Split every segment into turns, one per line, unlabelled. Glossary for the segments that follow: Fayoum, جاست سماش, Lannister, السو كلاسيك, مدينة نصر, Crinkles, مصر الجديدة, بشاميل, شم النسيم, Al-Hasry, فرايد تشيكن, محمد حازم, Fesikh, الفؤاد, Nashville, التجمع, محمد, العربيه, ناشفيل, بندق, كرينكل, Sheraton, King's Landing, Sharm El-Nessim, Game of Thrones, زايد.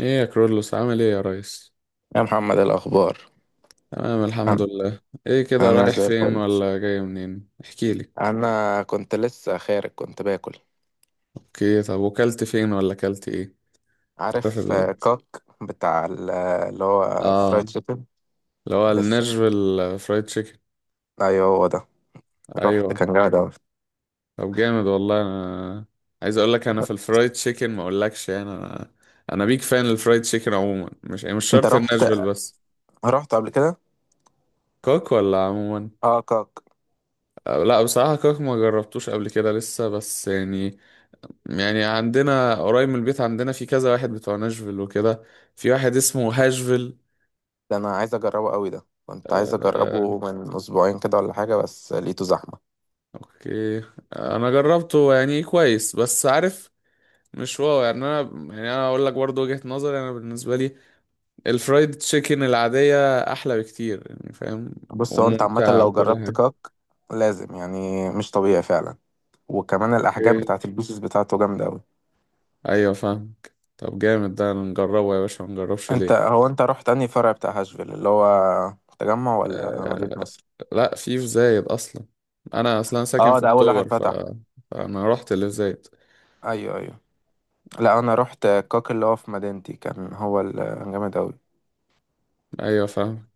ايه يا كرولوس، عامل ايه يا ريس؟
يا محمد، إيه الأخبار؟
تمام الحمد
أنا
لله. ايه كده،
أنا
رايح
زي
فين
الفل.
ولا جاي منين؟ احكي لي.
أنا كنت لسه خارج، كنت باكل.
اوكي، طب وكلت فين ولا كلت ايه؟ تعرف
عارف
ال...
كاك بتاع اللي هو فرايد
اه
تشيكن.
اللي هو
لسه.
الناشفيل فرايد تشيكن.
أيوه، هو ده. رحت،
ايوه.
كان جامد أوي.
طب جامد، والله انا عايز اقول لك، انا في الفرايد تشيكن ما اقولكش، يعني انا بيك فان الفرايد تشيكن عموما، مش
أنت
شرط
رحت
الناشفيل بس.
رحت قبل كده؟
كوك ولا عموما؟
أه، كاك.
لا بصراحة كوك ما جربتوش قبل كده لسه، بس يعني يعني عندنا قريب من البيت، عندنا في كذا واحد بتوع ناشفيل وكده. في واحد اسمه هاشفيل.
ده أنا عايز أجربه أوي، ده كنت عايز
آه،
أجربه من أسبوعين كده ولا حاجة، بس لقيته زحمة.
اوكي. انا جربته يعني كويس، بس عارف، مش واو يعني. انا يعني انا اقول لك برضه وجهة نظري، انا بالنسبة لي الفرايد تشيكن العادية احلى بكتير، يعني فاهم؟
بص، هو أنت عامة
وممتعة
لو
وكل
جربت
حاجة.
كاك لازم، يعني مش طبيعي فعلا. وكمان الأحجام
اوكي.
بتاعت البيسز بتاعته جامدة أوي.
ايوه فاهم. طب جامد ده، نجربه يا باشا، ما نجربش
انت
ليه؟
هو انت رحت انهي فرع بتاع هاشفيل اللي هو التجمع ولا مدينة
آه،
نصر؟
لا، في زايد اصلا. انا اصلا ساكن
اه،
في
ده اول واحد
اكتوبر،
فتح.
فانا رحت اللي في زايد.
ايوه، ايوه. لا، انا رحت كاك اللي هو في مدينتي، كان هو جامد اوي.
ايوه فاهم.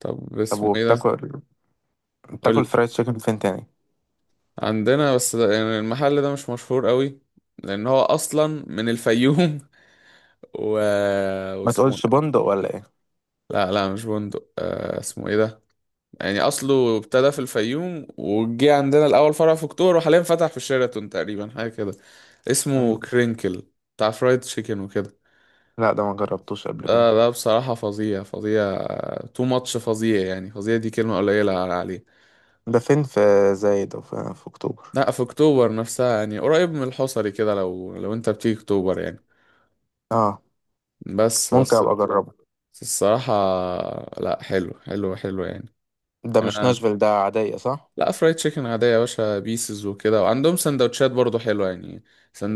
طب
طب
اسمه ايه ده؟
وبتاكل
قول
بتاكل
لي.
فرايد تشيكن فين تاني؟
عندنا، بس ده يعني المحل ده مش مشهور قوي، لان هو اصلا من الفيوم و...
ما
واسمه
تقولش
إيه؟
بندق ولا ايه؟
لا لا، مش بندق. اسمه ايه ده؟ يعني اصله ابتدى في الفيوم، وجه عندنا الاول فرع في اكتوبر، وحاليا فتح في شيراتون تقريبا، حاجه كده. اسمه
مين ده؟
كرينكل، بتاع فرايد تشيكن وكده.
لا، ده ما جربتوش قبل كده.
ده بصراحه فظيع فظيع، تو ماتش، فظيع يعني، فظيع دي كلمه قليله عليه.
ده فين، في زايد او في اكتوبر؟
لا، في اكتوبر نفسها، يعني قريب من الحصري كده، لو انت بتيجي اكتوبر يعني.
اه،
بس
ممكن
بس
ابقى اجربه.
الصراحة، لا حلو حلو حلو يعني.
ده مش
انا
ناشفيل، ده عادية، صح؟
لا، فرايد تشيكن عادية يا باشا، بيسز وكده، وعندهم سندوتشات برضو حلوة يعني.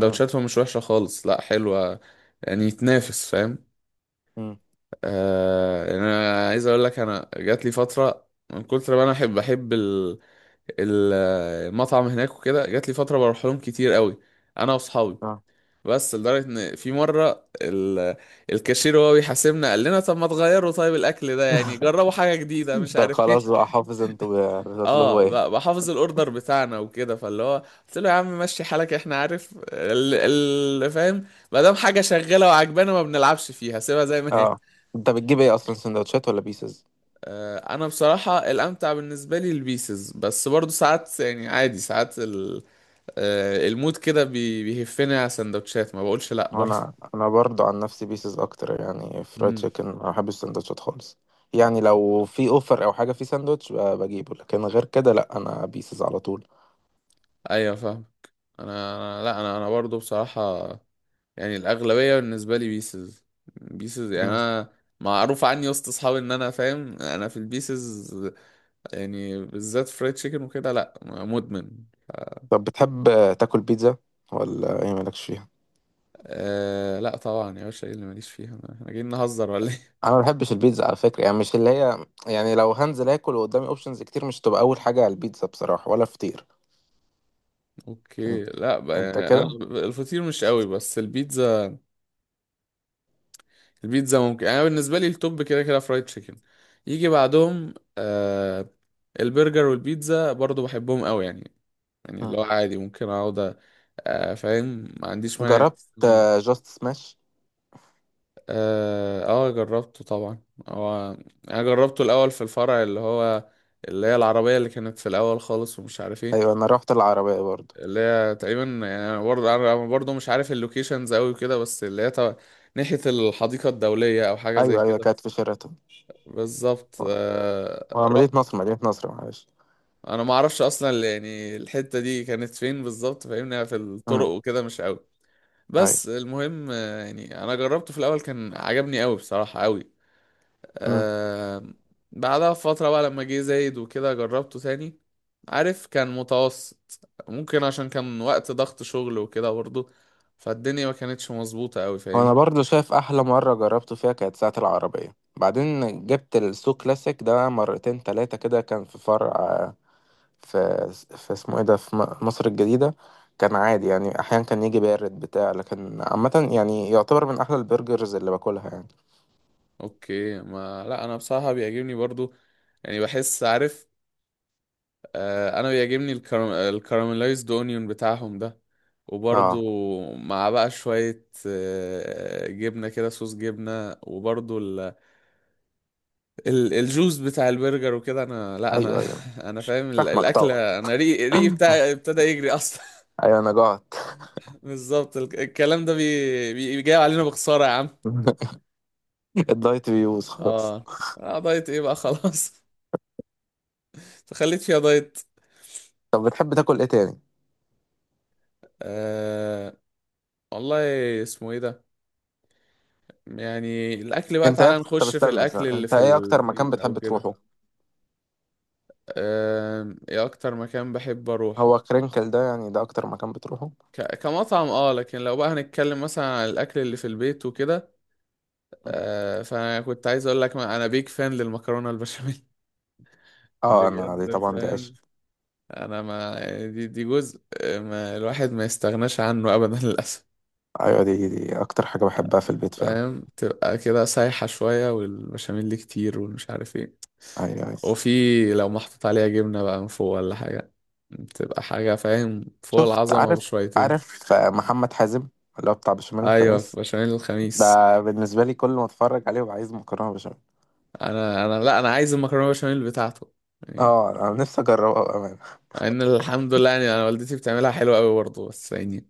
امم.
مش وحشة خالص، لا حلوة يعني، يتنافس، فاهم؟
امم.
آه يعني انا عايز اقول لك، انا جات لي فترة من كتر ما انا احب ال- المطعم هناك وكده، جات لي فترة بروح لهم كتير قوي، انا واصحابي.
اه،
بس لدرجة ان في مرة الكاشير وهو بيحاسبنا قال لنا طب ما تغيروا طيب الاكل ده، يعني جربوا حاجة جديدة مش
ده
عارف
خلاص
ايه.
بقى حافظ انتوا بتطلبوا
اه،
ايه.
بحافظ الاوردر بتاعنا وكده، فاللي هو قلت له يا عم مشي حالك، احنا عارف فاهم، ما دام حاجة شغالة وعجبانا، ما بنلعبش فيها، سيبها زي ما هي.
اه، انت بتجيب ايه اصلا، سندوتشات ولا بيسز؟
انا بصراحة الامتع بالنسبة لي البيسز، بس برضو ساعات يعني عادي، ساعات ال... آه، المود كده بيهفني على سندوتشات، ما بقولش لا برضه.
انا برضو عن نفسي بيسز اكتر، يعني فرايد
امم.
تشيكن ما بحبش السندوتشات خالص. يعني لو في اوفر او حاجه في ساندوتش بجيبه، لكن غير كده لا، انا بيسز على طول.
ايوه فاهم. انا انا لا انا انا برضو بصراحة يعني الاغلبية بالنسبة لي بيسز، بيسز يعني.
مم.
انا معروف عني وسط اصحابي ان انا فاهم انا في البيسز، يعني بالذات فرايد تشيكن وكده، لا مدمن.
طب بتحب تاكل بيتزا ولا ايه، مالكش فيها؟
آه لا طبعا يا باشا، ايه اللي ماليش فيها، انا إحنا جايين نهزر ولا ايه؟
انا ما بحبش البيتزا على فكره، يعني مش اللي هي، يعني لو هنزل اكل وقدامي اوبشنز كتير مش تبقى اول حاجه على البيتزا بصراحه، ولا فطير. انت,
اوكي. لا بقى،
انت
يعني انا
كده.
الفطير مش قوي، بس البيتزا، البيتزا ممكن. انا بالنسبة لي التوب كده كده فرايد تشيكن، يجي بعدهم آه البرجر والبيتزا، برضو بحبهم قوي يعني. يعني اللي
مم.
هو عادي ممكن اقعد، فاهم، ما عنديش مانع.
جربت
إن-
جاست سماش؟
جربته طبعا. هو انا جربته الاول في الفرع اللي هو اللي هي العربية، اللي كانت في الاول خالص ومش عارف ايه.
ايوه، انا رحت العربيه برضو.
اللي هي تقريبا، يعني انا برضه، مش عارف اللوكيشنز قوي كده، بس اللي هي ناحية الحديقة الدولية، او حاجة زي
ايوه، ايوه،
كده.
كانت في شيراتون.
بالظبط، آه.
مدينه
رحت.
نصر، مدينه نصر، معلش.
انا ما اعرفش اصلا يعني الحتة دي كانت فين بالظبط، فاهمني في الطرق وكده مش قوي.
أيوة.
بس المهم، يعني انا جربته في الاول، كان عجبني قوي، بصراحة قوي.
مم.
آه. بعدها فترة بقى لما جه زايد وكده جربته تاني. عارف، كان متوسط، ممكن عشان كان وقت ضغط شغل وكده برضه، فالدنيا ما كانتش مظبوطة قوي،
وأنا
فاهمني.
برضو شايف أحلى مرة جربته فيها كانت ساعة العربية. بعدين جبت السو كلاسيك ده مرتين تلاتة كده، كان في فرع في في اسمه إيه ده، في مصر الجديدة. كان عادي يعني، أحيانا كان يجي بارد بتاع، لكن عامة يعني يعتبر من أحلى البرجرز اللي باكلها يعني.
اوكي، ما لا انا بصراحة بيعجبني برضه يعني. بحس عارف، انا بيعجبني الكراميلايزد اونيون بتاعهم ده،
اه.
وبرضو مع بقى شوية جبنة كده، صوص جبنة، وبرضو الجوس بتاع البرجر وكده. انا لا انا
أيوه، أيوه.
انا فاهم
فاهمك
الاكل.
طبعا.
انا ريقي بتاع ابتدى يجري اصلا.
أيوه، أنا جعت.
بالظبط، الكلام ده جاي علينا بخسارة يا عم.
الدايت بيبوظ خلاص.
اه. دايت ايه بقى، خلاص. تخليت فيها دايت.
طب بتحب تاكل إيه تاني؟
أه... والله، اسمه ايه ده. يعني الأكل بقى،
أنت إيه
تعالى
أكتر طب
نخش في
استنى،
الأكل
استنى.
اللي
أنت
في
إيه أكتر مكان
البيت أو
بتحب
كده.
تروحه؟
إيه أكتر مكان بحب أروحه؟
هو كرينكل ده يعني ده اكتر مكان بتروحه؟
كمطعم، اه. لكن لو بقى هنتكلم مثلا عن الأكل اللي في البيت وكده، فأنا كنت عايز أقول لك أنا بيك فان للمكرونة البشاميل.
اه، انا دي
بجد
طبعا، دي عيش.
فاهم. أنا ما يعني دي جزء ما الواحد ما يستغناش عنه أبدا، للأسف.
ايوه، دي اكتر حاجه بحبها في البيت فعلا.
فاهم، تبقى كده سايحة شوية، والبشاميل اللي كتير والمش عارف ايه.
ايوه، أيوة.
وفي، لو محطوط عليها جبنة بقى من فوق ولا حاجة، بتبقى حاجة فاهم فوق
شفت
العظمة
عارف
بشويتين.
عارف محمد حازم اللي هو بتاع بشاميل
أيوة،
الخميس،
بشاميل الخميس.
ده بالنسبه لي كل ما اتفرج عليه ببقى عايز مكرونه بشاميل.
أنا أنا لا أنا عايز المكرونة بشاميل بتاعته يعني.
اه، انا نفسي اجربه بامانه.
مع إن الحمد لله يعني أنا والدتي بتعملها حلوة أوي برضه، بس يعني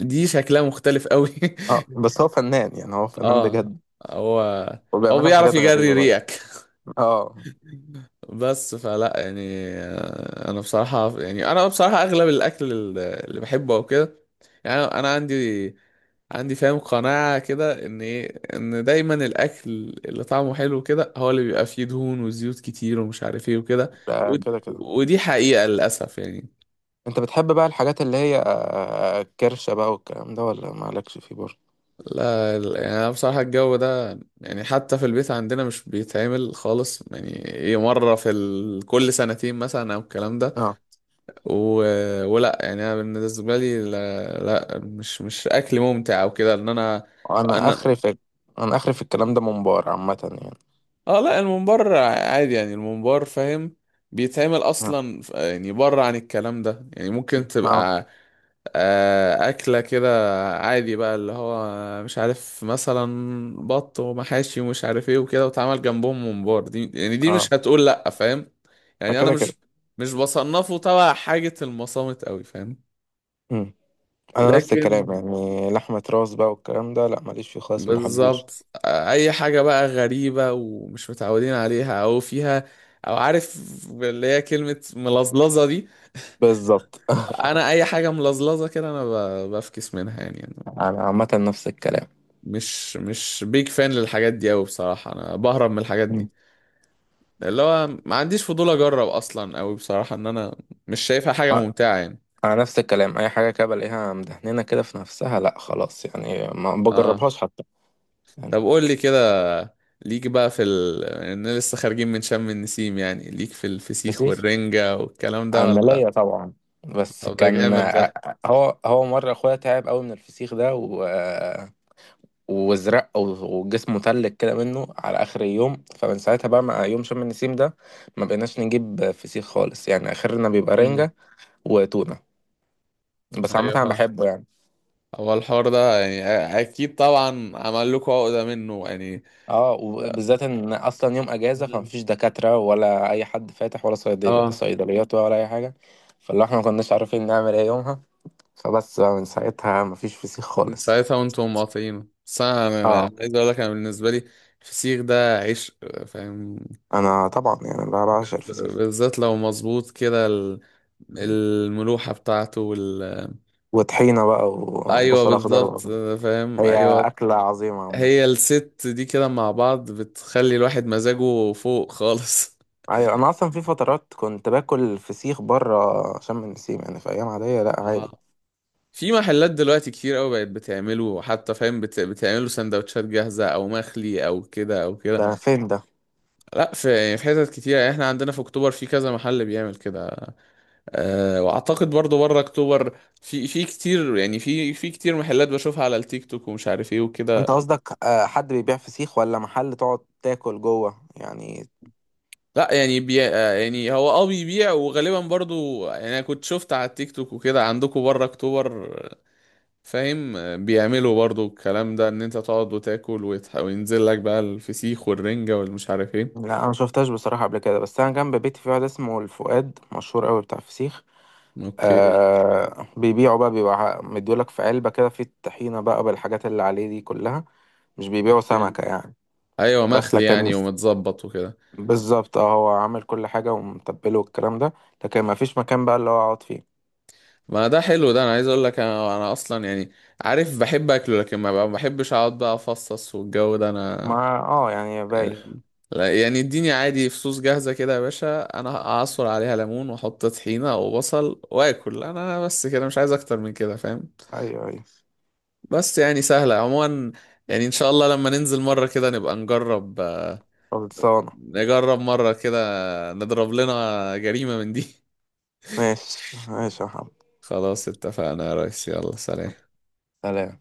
دي شكلها مختلف أوي.
اه، بس هو فنان، يعني هو فنان
اه.
بجد.
هو هو
وبيعملها
بيعرف
بحاجات
يجري
غريبه برضه.
ريقك.
اه.
بس فلا يعني، انا بصراحة، يعني انا بصراحة اغلب الاكل اللي بحبه او كده، يعني انا، عندي، عندي فاهم قناعة كده ان ايه، ان دايما الاكل اللي طعمه حلو كده هو اللي بيبقى فيه دهون وزيوت كتير ومش عارف ايه وكده.
ده كده كده.
ودي حقيقة للاسف يعني.
انت بتحب بقى الحاجات اللي هي كرشه بقى والكلام ده، ولا مالكش فيه برضه؟
لا لا، يعني انا بصراحة الجو ده يعني حتى في البيت عندنا مش بيتعمل خالص يعني، ايه مرة في كل سنتين مثلا او الكلام ده.
اه،
و... ولا يعني انا بالنسبه لي لا، لا، مش اكل ممتع او كده، ان انا،
انا
انا.
اخري في انا اخري في الكلام ده منبار عامه يعني.
اه لا، الممبار عادي يعني، الممبار فاهم، بيتعمل
اه،
اصلا، يعني بره عن الكلام ده يعني، ممكن
اه.
تبقى اكله كده عادي بقى، اللي هو مش عارف مثلا بط ومحاشي ومش عارف ايه وكده، واتعمل جنبهم ممبار، دي يعني دي
آه.
مش هتقول لا، فاهم؟ يعني انا
فكده كده.
مش بصنفه تبع حاجه المصامت قوي، فاهم؟
مم. انا نفس
لكن
الكلام، يعني لحمه راس بقى والكلام ده لا، ماليش فيه خالص، ما بحبوش.
بالظبط اي حاجه بقى غريبه ومش متعودين عليها او فيها، او عارف اللي هي كلمه ملظلظه دي،
بالظبط.
انا اي حاجه ملظلظه كده انا بفكس منها، يعني أنا
انا عامه نفس الكلام.
مش بيج فان للحاجات دي قوي، بصراحه انا بهرب من الحاجات
مم.
دي. اللي هو ما عنديش فضول اجرب اصلا قوي، بصراحه ان انا مش شايفها حاجه
آه،
ممتعه يعني.
انا نفس الكلام، اي حاجه كده بلاقيها مدهنينه كده في نفسها لا خلاص، يعني ما
اه.
بجربهاش حتى.
طب
يعني
قول لي كده، ليك بقى في إن لسه خارجين من شم النسيم يعني، ليك في الفسيخ
فسيخ،
والرنجة والكلام ده
انا
ولا؟
ليا طبعا، بس
طب ده
كان
جامد ده.
هو مره اخويا تعب قوي من الفسيخ ده، وازرق وجسمه تلج كده منه على اخر اليوم. فمن ساعتها بقى مع يوم شم النسيم ده ما بقيناش نجيب فسيخ خالص، يعني اخرنا بيبقى
امم.
رنجة وتونة. بس عامة
ايوه
انا
فاهم.
بحبه يعني.
هو الحوار ده يعني اكيد طبعا عمل لكم عقدة منه يعني.
اه، وبالذات ان اصلا يوم اجازة،
مم.
فمفيش دكاترة ولا اي حد فاتح ولا صيدل
اه.
صيدليات ولا اي حاجة. فاللي احنا ما كناش عارفين نعمل ايه يومها، فبس بقى من ساعتها مفيش فسيخ
من
خالص.
ساعتها وانتم مقاطعين، بس انا، أنا
اه،
عايز اقول لك انا بالنسبة لي الفسيخ ده عشق، فاهم؟
انا طبعا يعني بقى بعشق الفسيخ،
بالذات لو مظبوط كده الملوحة بتاعته وال...
وطحينة بقى
ايوه
وبصل اخضر
بالظبط،
بقى.
فاهم،
هي
ايوه.
اكلة عظيمة عامة.
هي الست دي كده مع بعض بتخلي الواحد مزاجه فوق خالص.
ايوه، انا اصلا في فترات كنت باكل فسيخ بره شم النسيم، يعني في ايام عاديه لا، عادي.
في محلات دلوقتي كتير قوي بقت بتعمله، حتى فاهم بتعمله سندوتشات جاهزة او مخلي او كده او كده.
ده فين ده؟
لا، يعني في حتت كتير، يعني احنا عندنا في اكتوبر في كذا محل بيعمل كده. أه، واعتقد برضو بره اكتوبر في كتير، يعني في كتير محلات بشوفها على التيك توك ومش عارف ايه وكده.
انت قصدك حد بيبيع فسيخ ولا محل تقعد تاكل جوه يعني؟
لا يعني بي... آه، يعني هو اه بيبيع، وغالبا برضو يعني انا كنت شفت على التيك توك وكده عندكم بره اكتوبر، فاهم، بيعملوا برضو الكلام ده، ان انت تقعد وتاكل وينزل لك بقى الفسيخ والرنجة والمش عارف ايه.
لا، انا ما شفتهاش بصراحه قبل كده، بس انا جنب بيتي في واحد اسمه الفؤاد مشهور قوي بتاع فسيخ.
اوكي.
آه، بيبيعوا بقى، بيبقى مديولك في علبه كده في الطحينه بقى بالحاجات اللي عليه دي كلها. مش بيبيعوا سمكه يعني.
ايوه
بس
مخلي
لكن،
يعني، ومتظبط وكده.
بالظبط، اه هو عامل كل حاجه ومتبله والكلام ده. لكن ما فيش مكان بقى اللي هو اقعد فيه.
ما ده حلو ده، انا عايز اقول لك، انا اصلا يعني، عارف، بحب اكله، لكن ما بحبش اقعد بقى افصص والجو ده، انا
مع، اه يعني بايخ.
لا، يعني اديني عادي فصوص جاهزة كده يا باشا، انا اعصر عليها ليمون واحط طحينة وبصل واكل، انا بس كده، مش عايز اكتر من كده، فاهم؟
ايوه، ايوه.
بس يعني سهلة عموما. يعني ان شاء الله لما ننزل مرة كده نبقى نجرب،
خلصانة.
نجرب مرة كده، نضرب لنا جريمة من دي.
ماشي، ماشي يا محمد.
خلاص اتفقنا يا ريس، يلا سلام.
سلام.